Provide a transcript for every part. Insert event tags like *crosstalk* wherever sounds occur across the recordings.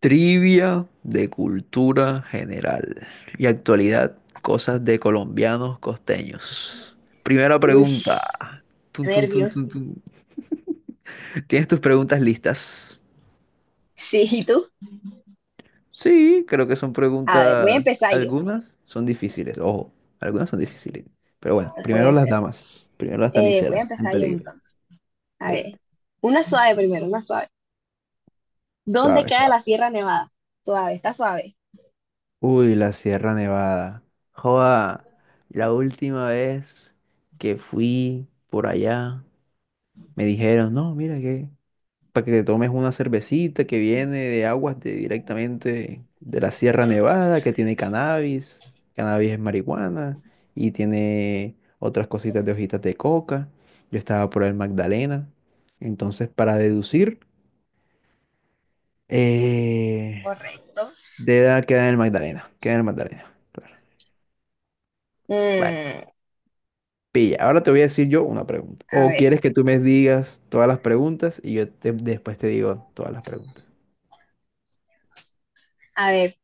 Trivia de cultura general y actualidad, cosas de colombianos costeños. Primera Uy, pregunta. Tun, tun, tun, nervios. tun, tun. ¿Tienes tus preguntas listas? Sí, ¿y tú? Sí, creo que son A ver, voy a preguntas. empezar yo, Algunas son difíciles, ojo, algunas son difíciles. Pero bueno, no primero puede las ser. damas, primero las Voy a damiselas en empezar yo peligro. entonces. A ver, Listo. una suave primero, una suave. ¿Dónde Suave, queda suave. la Sierra Nevada? Suave, está suave. Uy, la Sierra Nevada. Joda, la última vez que fui por allá. Me dijeron, no, mira que para que te tomes una cervecita que viene de aguas directamente de la Sierra Nevada, que tiene cannabis, cannabis es marihuana y tiene otras cositas de hojitas de coca. Yo estaba por el Magdalena. Entonces, para deducir, eh, Correcto. de edad queda en el Magdalena, queda en el Magdalena. Claro. Bueno, Mm, pilla, ahora te voy a decir yo una pregunta. a ¿O ver, quieres que tú me digas todas las preguntas y yo después te digo todas las preguntas? a ver,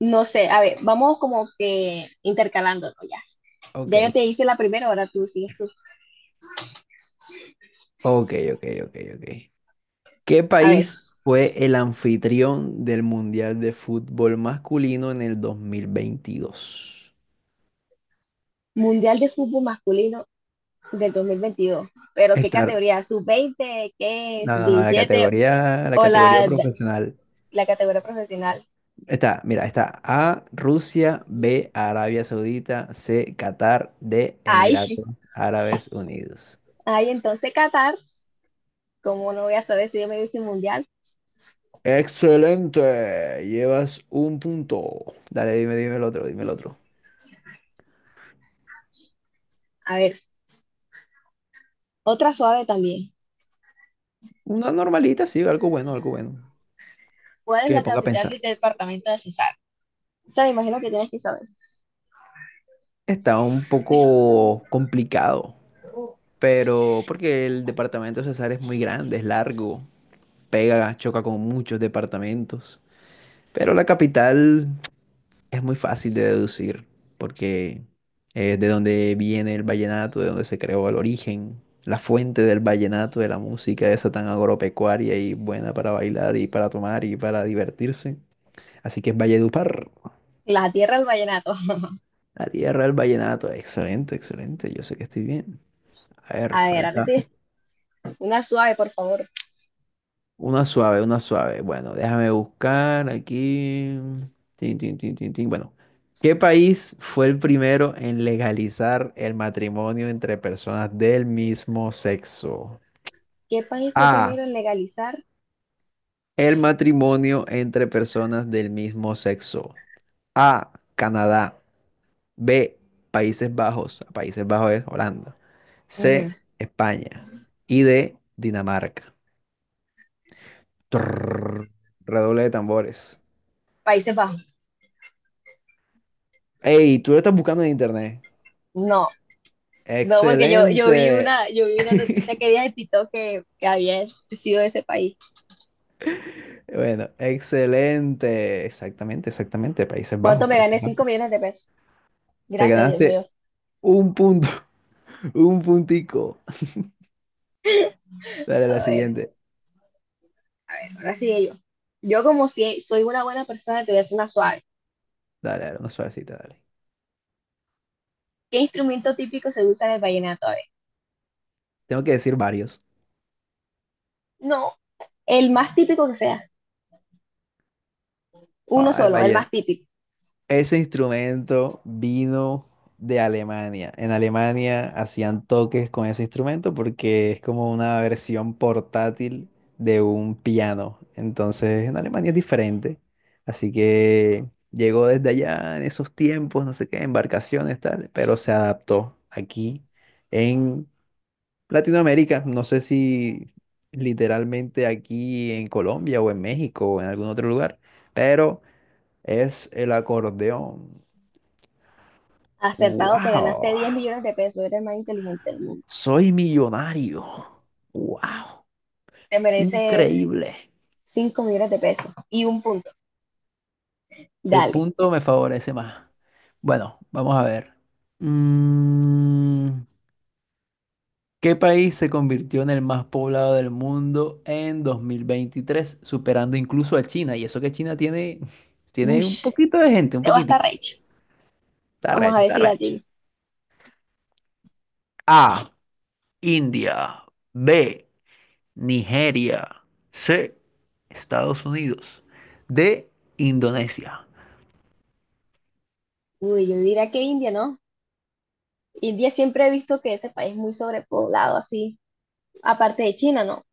no sé, a ver, vamos como que intercalándonos ya. Ya yo Ok. te hice la primera, ahora tú sigues tú. Ok, ok, ok, ok. ¿Qué A ver, país fue el anfitrión del Mundial de Fútbol Masculino en el 2022? Mundial de Fútbol Masculino del 2022. ¿Pero qué Estar, categoría? ¿Sub veinte? ¿Qué es? no, no, no, ¿Diecisiete? La ¿O categoría la profesional. Categoría profesional? Está, mira, está A, Rusia, B, Arabia Saudita, C, Qatar, D, Ay, Emiratos Árabes Unidos. ay, entonces Qatar, como no voy a saber si yo me hice mundial? Excelente, llevas un punto. Dale, dime, dime el otro, dime el otro. A ver, otra suave también. Una normalita, sí, algo bueno, algo bueno. ¿Cuál es Que me la ponga a capital del pensar. departamento de Cesar? O sea, me imagino que tienes que saber. Está un poco complicado, pero porque el departamento de Cesar es muy grande, es largo, pega, choca con muchos departamentos. Pero la capital es muy fácil de deducir, porque es de donde viene el vallenato, de donde se creó el origen, la fuente del vallenato, de la música esa tan agropecuaria y buena para bailar y para tomar y para divertirse. Así que es Valledupar, La tierra del vallenato. *laughs* la tierra del vallenato. Excelente, excelente, yo sé que estoy bien. A ver, A ver, ahora falta. sí, una suave, por favor. Una suave, una suave. Bueno, déjame buscar aquí. Tin, tin, tin, tin, tin. Bueno, ¿qué país fue el primero en legalizar el matrimonio entre personas del mismo sexo? ¿Qué país fue A. primero en legalizar? El matrimonio entre personas del mismo sexo. A. Canadá. B. Países Bajos. Países Bajos es Holanda. Ujú. C. España. Y D. Dinamarca. Trrr. Redoble de tambores. Países Bajos. Hey, tú lo estás buscando en internet. No, no, porque yo vi Excelente. una, yo vi una noticia que día de TikTok que había sido ese país. Bueno, excelente. Exactamente, exactamente. Países ¿Cuánto Bajos, me gané? Países Bajos. Cinco millones de pesos. Te Gracias, Dios ganaste mío. un punto, *laughs* un puntico. Dale a la A ver, siguiente. a ver, ahora sigue yo. Yo como si soy una buena persona, te voy a hacer una suave. Dale, dale, una suavecita, dale. ¿Qué instrumento típico se usa en el vallenato? A ver. Tengo que decir varios. No, el más típico que sea. Uno Ah, el solo, el más Valle. típico. Ese instrumento vino de Alemania. En Alemania hacían toques con ese instrumento porque es como una versión portátil de un piano. Entonces, en Alemania es diferente. Así que llegó desde allá en esos tiempos, no sé qué, embarcaciones, tal, pero se adaptó aquí en Latinoamérica. No sé si literalmente aquí en Colombia o en México o en algún otro lugar, pero es el acordeón. Acertado, te ganaste Wow, 10 millones de pesos. Eres el más inteligente del mundo. soy millonario. Wow, Te mereces increíble. 5 millones de pesos y un punto. El Dale. punto me favorece más. Bueno, vamos a ver. Mm, ¿Qué país se convirtió en el más poblado del mundo en 2023, superando incluso a China? Y eso que China tiene, *laughs* tiene Ush, un poquito de gente, un te va a estar poquitico. recho. Está Vamos a recho, ver está si la recho. tiene. A, India. B, Nigeria. C. Estados Unidos. D. Indonesia. Uy, yo diría que India, ¿no? India siempre he visto que ese país es muy sobrepoblado, así. Aparte de China, ¿no? O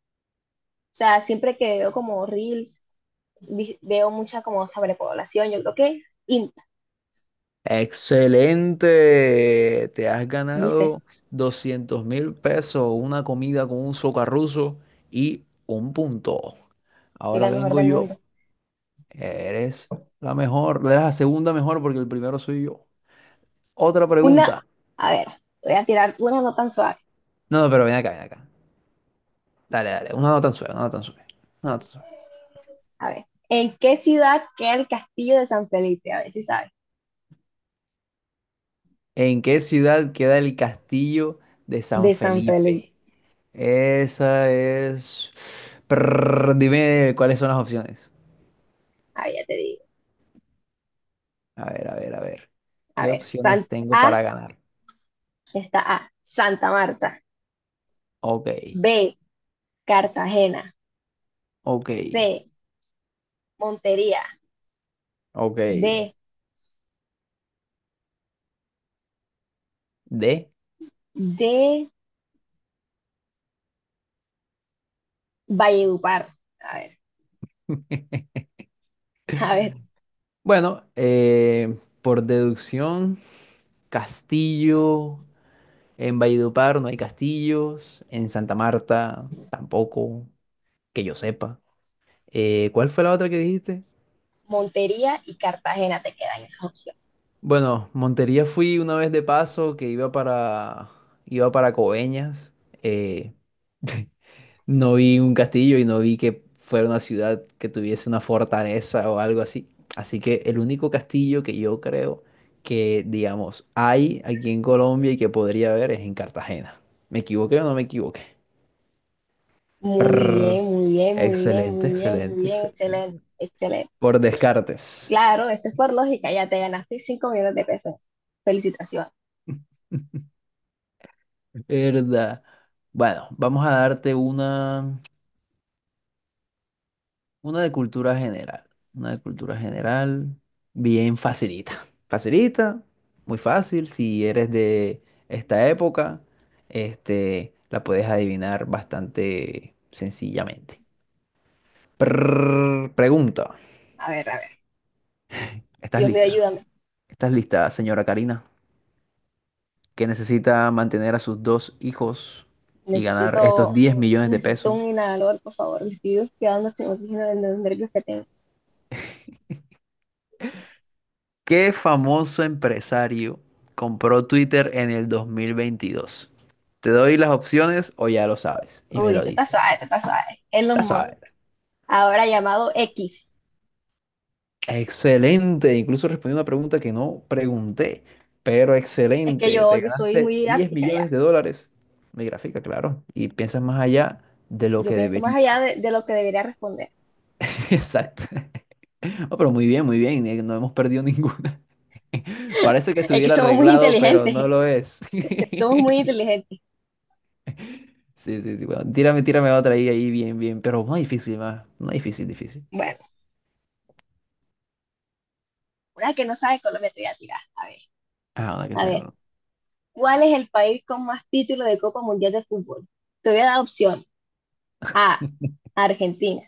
sea, siempre que veo como reels veo mucha como sobrepoblación, yo creo que es INTA, Excelente. Te has ¿viste? ganado 200.000 pesos, una comida con un socarruso y un punto. Soy Ahora la mejor vengo del mundo. yo. Eres la mejor, eres la segunda mejor porque el primero soy yo. Otra Una, pregunta. a ver, voy a tirar una no tan suave. No, no, pero ven acá, ven acá. Dale, dale. Una no tan suave, una no tan suave. Una no tan suave. A ver, ¿en qué ciudad queda el castillo de San Felipe? A ver si sabes. ¿En qué ciudad queda el castillo de San De San Felipe. Felipe? Esa es. Prrr, dime cuáles son las opciones. Ah, ya te digo. A ver, a ver, a ver. A ¿Qué ver, San opciones tengo A para ganar? está A, Santa Marta. Ok, B, Cartagena. ok, C, Montería. ok. D, D. D, Valledupar. A ver, *laughs* a ver, Bueno, por deducción, castillo. En Valledupar no hay castillos. En Santa Marta tampoco, que yo sepa. ¿Cuál fue la otra que dijiste? Montería y Cartagena te quedan esas opciones. Bueno, Montería fui una vez de paso que iba para Coveñas. eh, *laughs* no vi un castillo y no vi que fuera una ciudad que tuviese una fortaleza o algo así. Así que el único castillo que yo creo que, digamos, hay aquí en Colombia y que podría haber es en Cartagena. ¿Me equivoqué o no me equivoqué? Muy Prrr. bien, muy bien, muy bien, Excelente, muy bien, muy excelente, bien, excelente, excelente. excelente. Por Descartes. Claro, esto es por lógica, ya te ganaste 5 millones de pesos. Felicitaciones. *laughs* ¿Verdad? Bueno, vamos a darte una. Una de cultura general. Una de cultura general. Bien facilita. *laughs* Facilita, muy fácil. Si eres de esta época, la puedes adivinar bastante sencillamente. Prrr, pregunta. A ver, a ver. ¿Estás Dios mío, lista? ayúdame. ¿Estás lista, señora Karina? Que necesita mantener a sus dos hijos y ganar estos Necesito, diez millones de necesito un pesos inhalador, por favor. Me estoy quedando sin oxígeno de los nervios que tengo. ¿Qué famoso empresario compró Twitter en el 2022? Te doy las opciones o ya lo sabes y me Uy, lo este está dices. suave, este está suave. Elon La Musk, sabes. ahora llamado X. Excelente. Incluso respondí una pregunta que no pregunté, pero Es que excelente. yo, Te yo soy muy ganaste 10 didáctica millones ya. de dólares. Mi gráfica, claro. Y piensas más allá de lo Yo que pienso más allá debería. De lo que debería responder. *laughs* Exacto. Oh, pero muy bien, muy bien. No hemos perdido ninguna. *laughs* Parece que Es que estuviera somos muy arreglado, pero no inteligentes, lo es. *laughs* somos muy *laughs* inteligentes. Sí, sí, sí, bueno, tírame otra ahí, ahí, bien, bien, pero no difícil, más, no difícil, difícil. Bueno. Una que no sabe Colombia te voy a tirar. A ver, Ah, una que a sea ver. con. ¿Cuál es el país con más títulos de Copa Mundial de Fútbol? Te voy a dar opción. A, Argentina.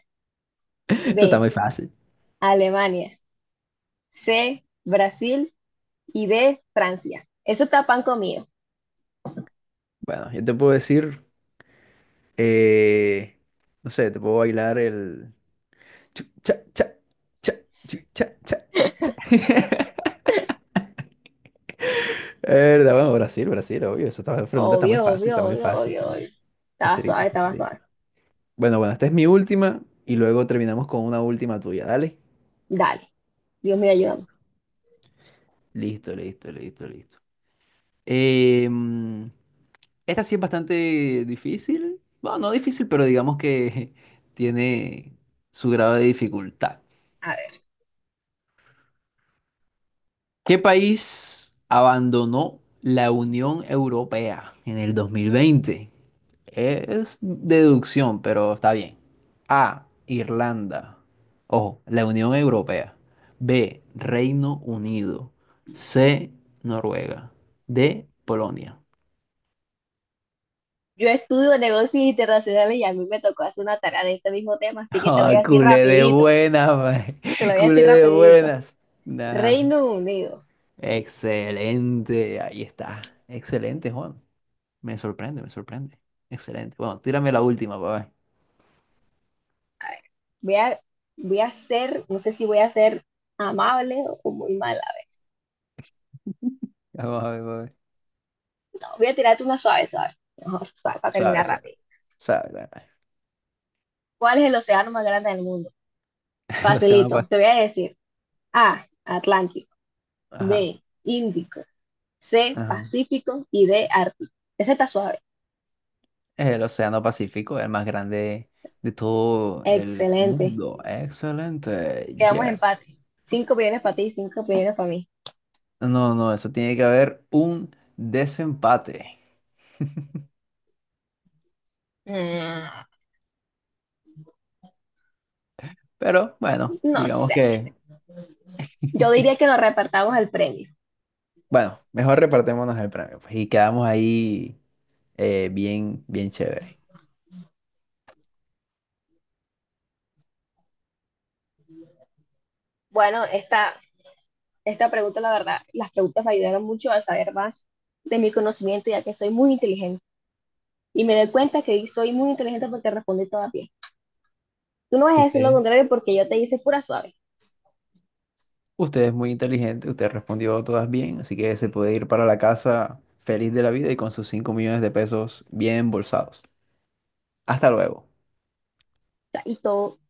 *laughs* Eso está B, muy fácil. Alemania. C, Brasil. Y D, Francia. Eso está pan comido. Bueno, yo te puedo decir, eh, no sé, te puedo bailar el. Chu, cha, cha, cha, chu, cha, cha, cha. *laughs* Verdad, bueno, Brasil, Brasil, obvio, esa pregunta está muy Obvio, fácil, obvio, está muy obvio, fácil, obvio, está muy obvio. Estaba facilita, suave, estaba facilita. suave. Bueno, bueno, esta es mi última y luego terminamos con una última tuya, dale. Dale, Dios me ayuda. Listo, listo, listo, listo. Listo. Em, Esta sí es bastante difícil. Bueno, no difícil, pero digamos que *laughs* tiene su grado de dificultad. A ver, ¿Qué país abandonó la Unión Europea en el 2020? Es deducción, pero está bien. A, Irlanda. Ojo, la Unión Europea. B, Reino Unido. C, Noruega. D, Polonia. yo estudio negocios internacionales y a mí me tocó hacer una tarea de ese mismo tema, así que te voy Ah, a decir culé de rapidito. buenas, mae. Te lo *laughs* voy a Culé decir de rapidito. buenas. Nah, Reino Unido. excelente, ahí está. Excelente, Juan. Me sorprende, me sorprende. Excelente. Bueno, tírame la última, papá. A ver, voy a, voy a ser, no sé si voy a ser amable o muy mala. Vamos a ver, pa'. No, voy a tirarte una suave, suave. Mejor, suave, para Sabe, terminar sabe, rápido. sabe, sabe. ¿Cuál es el océano más grande del mundo? *laughs* El Océano Facilito, te Pacífico. voy a decir. A, Atlántico. Ajá, B, Índico. C, ajá. Pacífico. Y D, Ártico. Ese está suave. El Océano Pacífico, el más grande de todo el Excelente. mundo. Excelente, Quedamos yes. empate. Cinco millones para ti, cinco millones para mí. No, no, eso tiene que haber un desempate. Mm, Pero bueno, no digamos sé. que. Yo diría *laughs* que nos repartamos el premio. Bueno, mejor repartémonos el premio, pues, y quedamos ahí bien, bien chévere. Bueno, esta pregunta, la verdad, las preguntas me ayudaron mucho a saber más de mi conocimiento, ya que soy muy inteligente. Y me doy cuenta que soy muy inteligente porque respondí todas bien. Tú no vas a decir lo Usted, contrario porque yo te hice pura suave. O usted es muy inteligente, usted respondió todas bien, así que se puede ir para la casa feliz de la vida y con sus 5 millones de pesos bien embolsados. Hasta luego. sea, y todo,